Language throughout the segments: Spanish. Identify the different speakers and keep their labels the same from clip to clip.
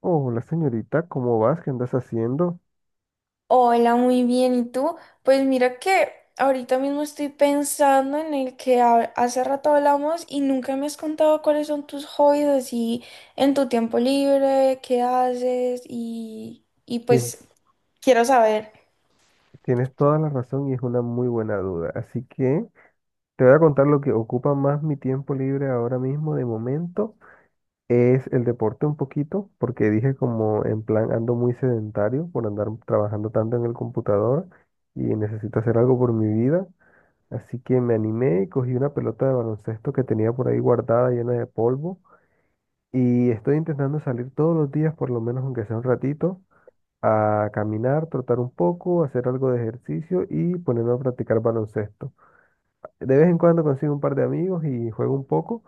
Speaker 1: Hola señorita, ¿cómo vas? ¿Qué andas haciendo?
Speaker 2: Hola, muy bien. ¿Y tú? Pues mira que ahorita mismo estoy pensando en el que hace rato hablamos y nunca me has contado cuáles son tus hobbies así en tu tiempo libre, qué haces y
Speaker 1: Tien-
Speaker 2: pues quiero saber.
Speaker 1: Tienes toda la razón y es una muy buena duda. Así que te voy a contar lo que ocupa más mi tiempo libre ahora mismo de momento. Es el deporte un poquito, porque dije como en plan ando muy sedentario por andar trabajando tanto en el computador y necesito hacer algo por mi vida. Así que me animé y cogí una pelota de baloncesto que tenía por ahí guardada llena de polvo y estoy intentando salir todos los días por lo menos aunque sea un ratito. A caminar, trotar un poco, hacer algo de ejercicio y ponerme a practicar baloncesto. De vez en cuando consigo un par de amigos y juego un poco,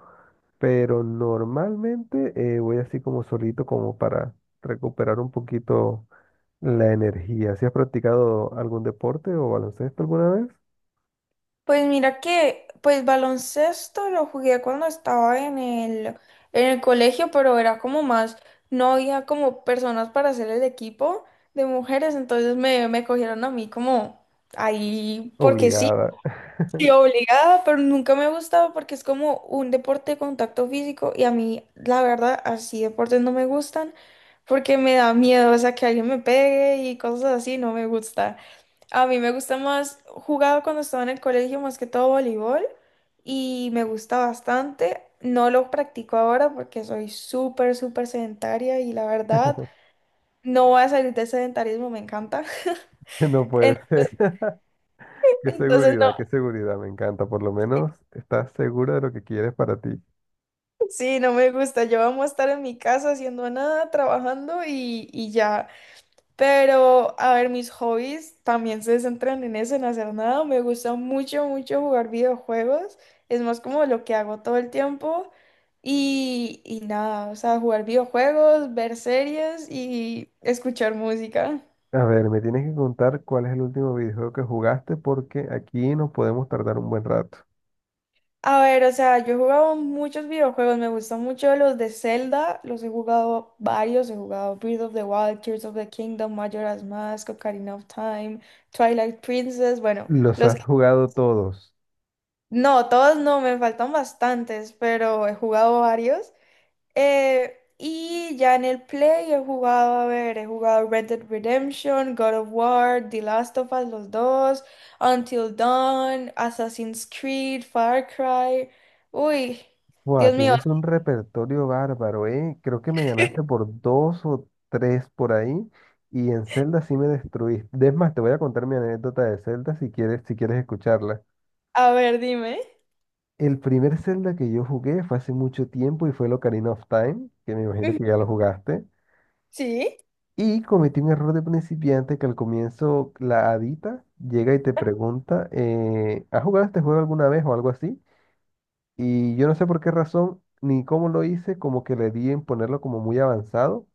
Speaker 1: pero normalmente voy así como solito como para recuperar un poquito la energía. ¿Si has practicado algún deporte o baloncesto alguna vez?
Speaker 2: Pues mira que pues baloncesto lo jugué cuando estaba en el colegio, pero era como más, no había como personas para hacer el equipo de mujeres, entonces me cogieron a mí como ahí porque sí.
Speaker 1: Obligada.
Speaker 2: Sí, obligada, pero nunca me ha gustado porque es como un deporte de contacto físico y a mí, la verdad, así deportes no me gustan porque me da miedo, o sea, que alguien me pegue y cosas así, no me gusta. A mí me gusta más, jugaba cuando estaba en el colegio, más que todo voleibol y me gusta bastante. No lo practico ahora porque soy súper, súper sedentaria y la verdad, no voy a salir de sedentarismo, me encanta.
Speaker 1: No puede ser.
Speaker 2: Entonces, no.
Speaker 1: Qué seguridad, me encanta. Por lo menos estás segura de lo que quieres para ti.
Speaker 2: Sí, no me gusta. Yo amo estar en mi casa haciendo nada, trabajando y ya. Pero, a ver, mis hobbies también se centran en eso, en hacer nada. Me gusta mucho, mucho jugar videojuegos. Es más como lo que hago todo el tiempo. Y nada, o sea, jugar videojuegos, ver series y escuchar música.
Speaker 1: A ver, me tienes que contar cuál es el último videojuego que jugaste porque aquí nos podemos tardar un buen rato.
Speaker 2: A ver, o sea, yo he jugado muchos videojuegos, me gustan mucho los de Zelda, los he jugado varios, he jugado Breath of the Wild, Tears of the Kingdom, Majora's Mask, Ocarina of Time, Twilight Princess, bueno,
Speaker 1: Los
Speaker 2: los
Speaker 1: has
Speaker 2: que...
Speaker 1: jugado todos.
Speaker 2: No, todos no, me faltan bastantes, pero he jugado varios. Y ya en el Play he jugado, a ver, he jugado Red Dead Redemption, God of War, The Last of Us, los dos, Until Dawn, Assassin's Creed, Far Cry. Uy,
Speaker 1: Buah,
Speaker 2: Dios mío,
Speaker 1: tienes un repertorio bárbaro, ¿eh? Creo que me ganaste por dos o tres por ahí y en Zelda sí me destruiste. Es más, te voy a contar mi anécdota de Zelda si quieres, si quieres escucharla.
Speaker 2: a ver, dime.
Speaker 1: El primer Zelda que yo jugué fue hace mucho tiempo y fue el Ocarina of Time, que me imagino
Speaker 2: Ujú,
Speaker 1: que ya lo jugaste.
Speaker 2: sí,
Speaker 1: Y cometí un error de principiante que al comienzo la adita llega y te pregunta, ¿has jugado este juego alguna vez o algo así? Y yo no sé por qué razón ni cómo lo hice, como que le di en ponerlo como muy avanzado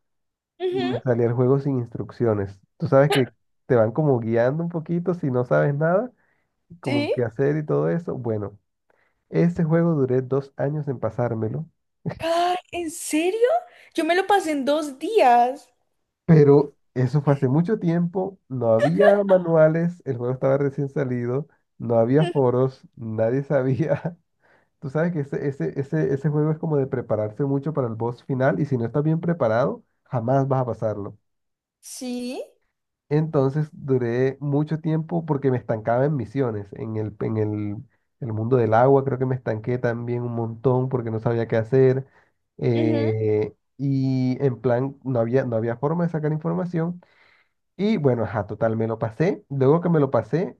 Speaker 1: y
Speaker 2: ujú,
Speaker 1: me salía el juego sin instrucciones. Tú sabes que te van como guiando un poquito si no sabes nada, como qué
Speaker 2: sí.
Speaker 1: hacer y todo eso. Bueno, ese juego duré 2 años en pasármelo.
Speaker 2: Ay, ¿en serio? Yo me lo pasé en dos días.
Speaker 1: Pero eso fue hace mucho tiempo, no había manuales, el juego estaba recién salido, no había
Speaker 2: Ujú,
Speaker 1: foros, nadie sabía. Tú sabes que ese juego es como de prepararse mucho para el boss final y si no estás bien preparado, jamás vas a pasarlo.
Speaker 2: sí.
Speaker 1: Entonces duré mucho tiempo porque me estancaba en misiones, en el mundo del agua creo que me estanqué también un montón porque no sabía qué hacer. Y en plan, no había forma de sacar información. Y bueno, ajá, total, me lo pasé. Luego que me lo pasé,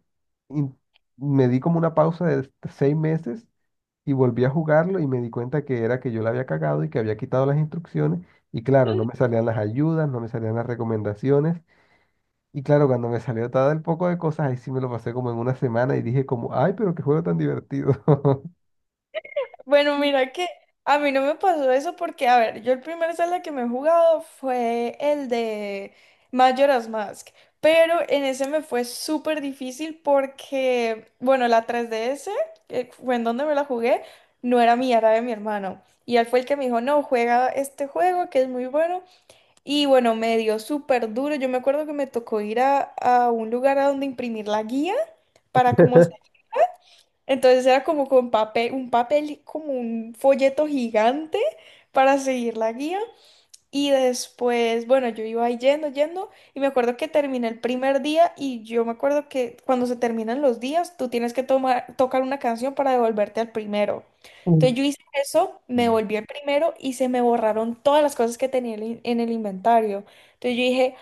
Speaker 1: in- me di como una pausa de 6 meses y volví a jugarlo y me di cuenta que era que yo la había cagado y que había quitado las instrucciones. Y claro, no me salían las ayudas, no me salían las recomendaciones. Y claro, cuando me salió todo el poco de cosas, ahí sí me lo pasé como en una semana y dije como, ay, pero qué juego tan divertido.
Speaker 2: Bueno, mira que a mí no me pasó eso porque, a ver, yo el primer Zelda que me he jugado fue el de Majora's Mask, pero en ese me fue súper difícil porque, bueno, la 3DS, que fue en donde me la jugué, no era mía, era de mi hermano. Y él fue el que me dijo, no, juega este juego que es muy bueno. Y bueno, me dio súper duro. Yo me acuerdo que me tocó ir a un lugar a donde imprimir la guía para como, entonces era como con papel, un papel, como un folleto gigante para seguir la guía. Y después, bueno, yo iba ahí yendo, yendo, y me acuerdo que terminé el primer día y yo me acuerdo que cuando se terminan los días, tú tienes que tomar, tocar una canción para devolverte al primero. Entonces yo hice eso, me
Speaker 1: Mm.
Speaker 2: volví al primero y se me borraron todas las cosas que tenía en el inventario. Entonces yo dije,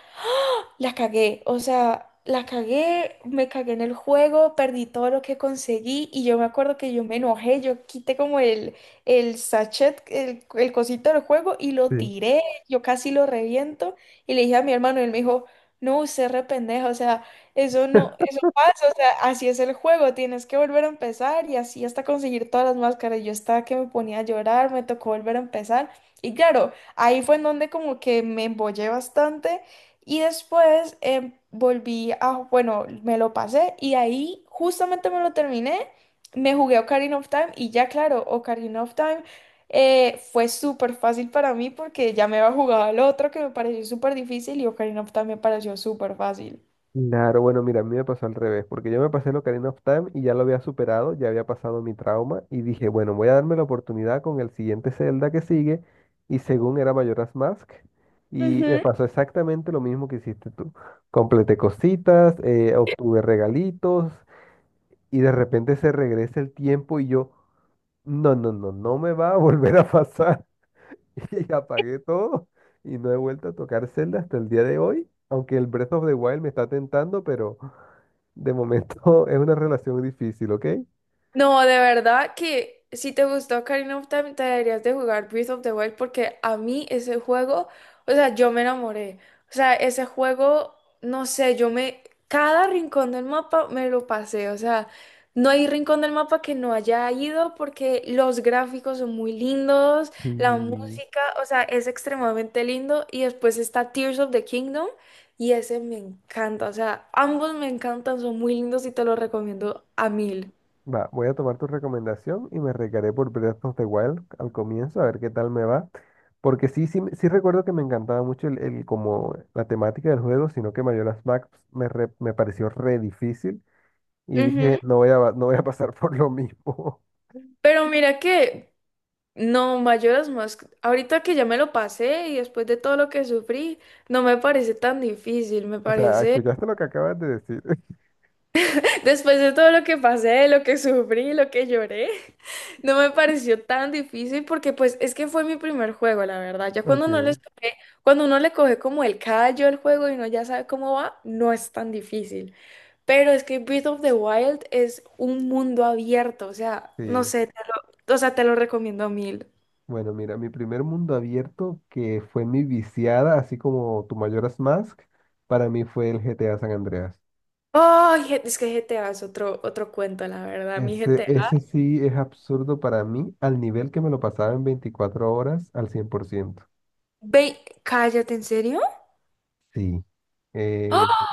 Speaker 2: las cagué, o sea, las cagué, me cagué en el juego, perdí todo lo que conseguí y yo me acuerdo que yo me enojé, yo quité como el sachet, el cosito del juego y lo
Speaker 1: Sí.
Speaker 2: tiré, yo casi lo reviento y le dije a mi hermano y él me dijo, no, usted re pendeja, o sea, eso no, eso pasa, o sea, así es el juego, tienes que volver a empezar y así hasta conseguir todas las máscaras. Yo estaba que me ponía a llorar, me tocó volver a empezar y claro, ahí fue en donde como que me embollé bastante y después volví a, bueno, me lo pasé y ahí justamente me lo terminé, me jugué Ocarina of Time y ya claro, Ocarina of Time fue súper fácil para mí porque ya me había jugado al otro que me pareció súper difícil y Ocarina of Time me pareció súper fácil.
Speaker 1: Claro, bueno, mira, a mí me pasó al revés, porque yo me pasé el Ocarina of Time y ya lo había superado, ya había pasado mi trauma y dije, bueno, voy a darme la oportunidad con el siguiente Zelda que sigue y según era Majora's Mask y me
Speaker 2: Ujú.
Speaker 1: pasó exactamente lo mismo que hiciste tú. Completé cositas, obtuve regalitos y de repente se regresa el tiempo y yo, no, no, no, no me va a volver a pasar y apagué todo y no he vuelto a tocar Zelda hasta el día de hoy, aunque el Breath of the Wild me está tentando, pero... De momento es una relación difícil, ¿ok?
Speaker 2: No, de verdad que si te gustó Ocarina of Time, te deberías de jugar Breath of the Wild porque a mí ese juego, o sea, yo me enamoré. O sea, ese juego, no sé, yo me... Cada rincón del mapa me lo pasé. O sea, no hay rincón del mapa que no haya ido porque los gráficos son muy lindos, la
Speaker 1: Sí.
Speaker 2: música, o sea, es extremadamente lindo. Y después está Tears of the Kingdom y ese me encanta. O sea, ambos me encantan, son muy lindos y te los recomiendo a mil.
Speaker 1: Va, voy a tomar tu recomendación y me recaré por Breath of the Wild al comienzo, a ver qué tal me va. Porque sí, sí, sí recuerdo que me encantaba mucho como la temática del juego, sino que Majora's Mask me pareció re difícil y dije,
Speaker 2: Ujú.
Speaker 1: no voy a pasar por lo mismo.
Speaker 2: Pero mira que, no, Majora's Mask, ahorita que ya me lo pasé y después de todo lo que sufrí, no me parece tan difícil, me
Speaker 1: O sea,
Speaker 2: parece,
Speaker 1: ¿escuchaste lo que acabas de decir?
Speaker 2: después de todo lo que pasé, lo que sufrí, lo que lloré, no me pareció tan difícil porque pues es que fue mi primer juego, la verdad. Ya
Speaker 1: Ok,
Speaker 2: cuando uno le coge como el callo al juego y uno ya sabe cómo va, no es tan difícil. Pero es que Breath of the Wild es un mundo abierto, o sea, no
Speaker 1: sí.
Speaker 2: sé, o sea, te lo recomiendo a mil.
Speaker 1: Bueno, mira, mi primer mundo abierto, que fue mi viciada, así como tu mayoras Mask, para mí fue el GTA San Andreas.
Speaker 2: Ay, es que GTA es otro cuento, la verdad, mi
Speaker 1: Ese,
Speaker 2: GTA.
Speaker 1: ese sí es absurdo para mí, al nivel que me lo pasaba en 24 horas al 100%.
Speaker 2: Ve, cállate, ¿en serio?
Speaker 1: Sí. Eh,
Speaker 2: ¡Ah!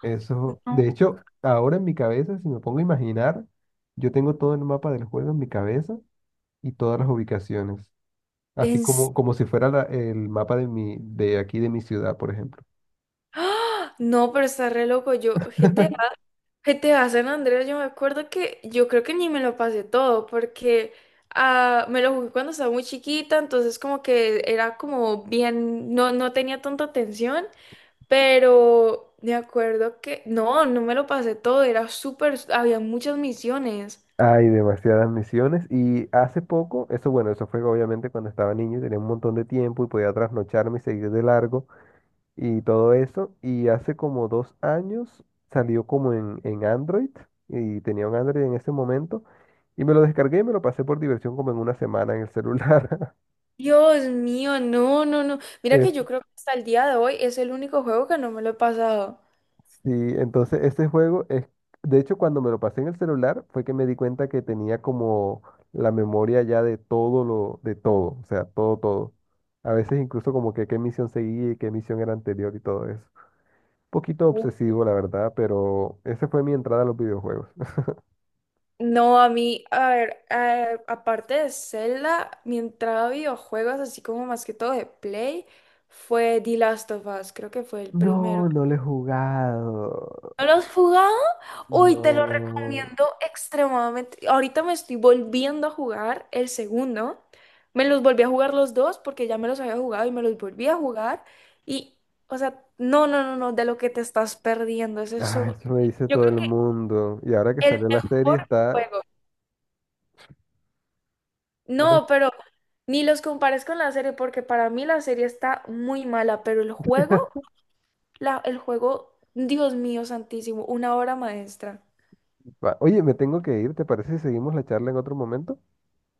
Speaker 1: eso, de
Speaker 2: No.
Speaker 1: hecho, ahora en mi cabeza, si me pongo a imaginar, yo tengo todo el mapa del juego en mi cabeza y todas las ubicaciones, así
Speaker 2: En... s-
Speaker 1: como, como si fuera el mapa de mi, de aquí de mi ciudad, por ejemplo.
Speaker 2: ¡Ah! No, pero está re loco. Yo, GTA, GTA San Andreas, yo me acuerdo que yo creo que ni me lo pasé todo porque me lo jugué cuando estaba muy chiquita, entonces como que era como bien, no, no tenía tanta atención, pero me acuerdo que no, no me lo pasé todo, era súper, había muchas misiones.
Speaker 1: Hay demasiadas misiones y hace poco, eso bueno, eso fue obviamente cuando estaba niño y tenía un montón de tiempo y podía trasnocharme y seguir de largo y todo eso. Y hace como 2 años salió como en Android y tenía un Android en ese momento y me lo descargué y me lo pasé por diversión como en una semana en el celular.
Speaker 2: Dios mío, no, no, no. Mira que yo creo que hasta el día de hoy es el único juego que no me lo he pasado.
Speaker 1: Sí, entonces este juego es, de hecho cuando me lo pasé en el celular fue que me di cuenta que tenía como la memoria ya de todo lo, de todo, o sea, todo, todo. A veces incluso como que qué misión seguía y qué misión era anterior y todo eso. Poquito
Speaker 2: Uh.
Speaker 1: obsesivo, la verdad, pero esa fue mi entrada a los videojuegos.
Speaker 2: No, a mí, a ver, a aparte de Zelda, mi entrada a videojuegos, así como más que todo de Play, fue The Last of Us, creo que fue el primero.
Speaker 1: No, no lo he jugado.
Speaker 2: ¿No lo has jugado? Uy, te lo
Speaker 1: No.
Speaker 2: recomiendo extremadamente. Ahorita me estoy volviendo a jugar el segundo. Me los volví a jugar los dos porque ya me los había jugado y me los volví a jugar. Y, o sea, no, no, no, no, de lo que te estás perdiendo. Es
Speaker 1: Ah,
Speaker 2: eso.
Speaker 1: eso me dice
Speaker 2: Yo
Speaker 1: todo
Speaker 2: creo
Speaker 1: el mundo. Y ahora que
Speaker 2: que el
Speaker 1: salió la serie
Speaker 2: mejor
Speaker 1: está...
Speaker 2: juego.
Speaker 1: Ahora-
Speaker 2: No, pero ni los compares con la serie porque para mí la serie está muy mala, pero el juego, el juego, Dios mío santísimo, una obra maestra.
Speaker 1: Oye, me tengo que ir, ¿te parece si seguimos la charla en otro momento?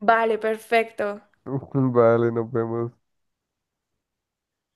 Speaker 2: Vale, perfecto.
Speaker 1: Vale, nos vemos.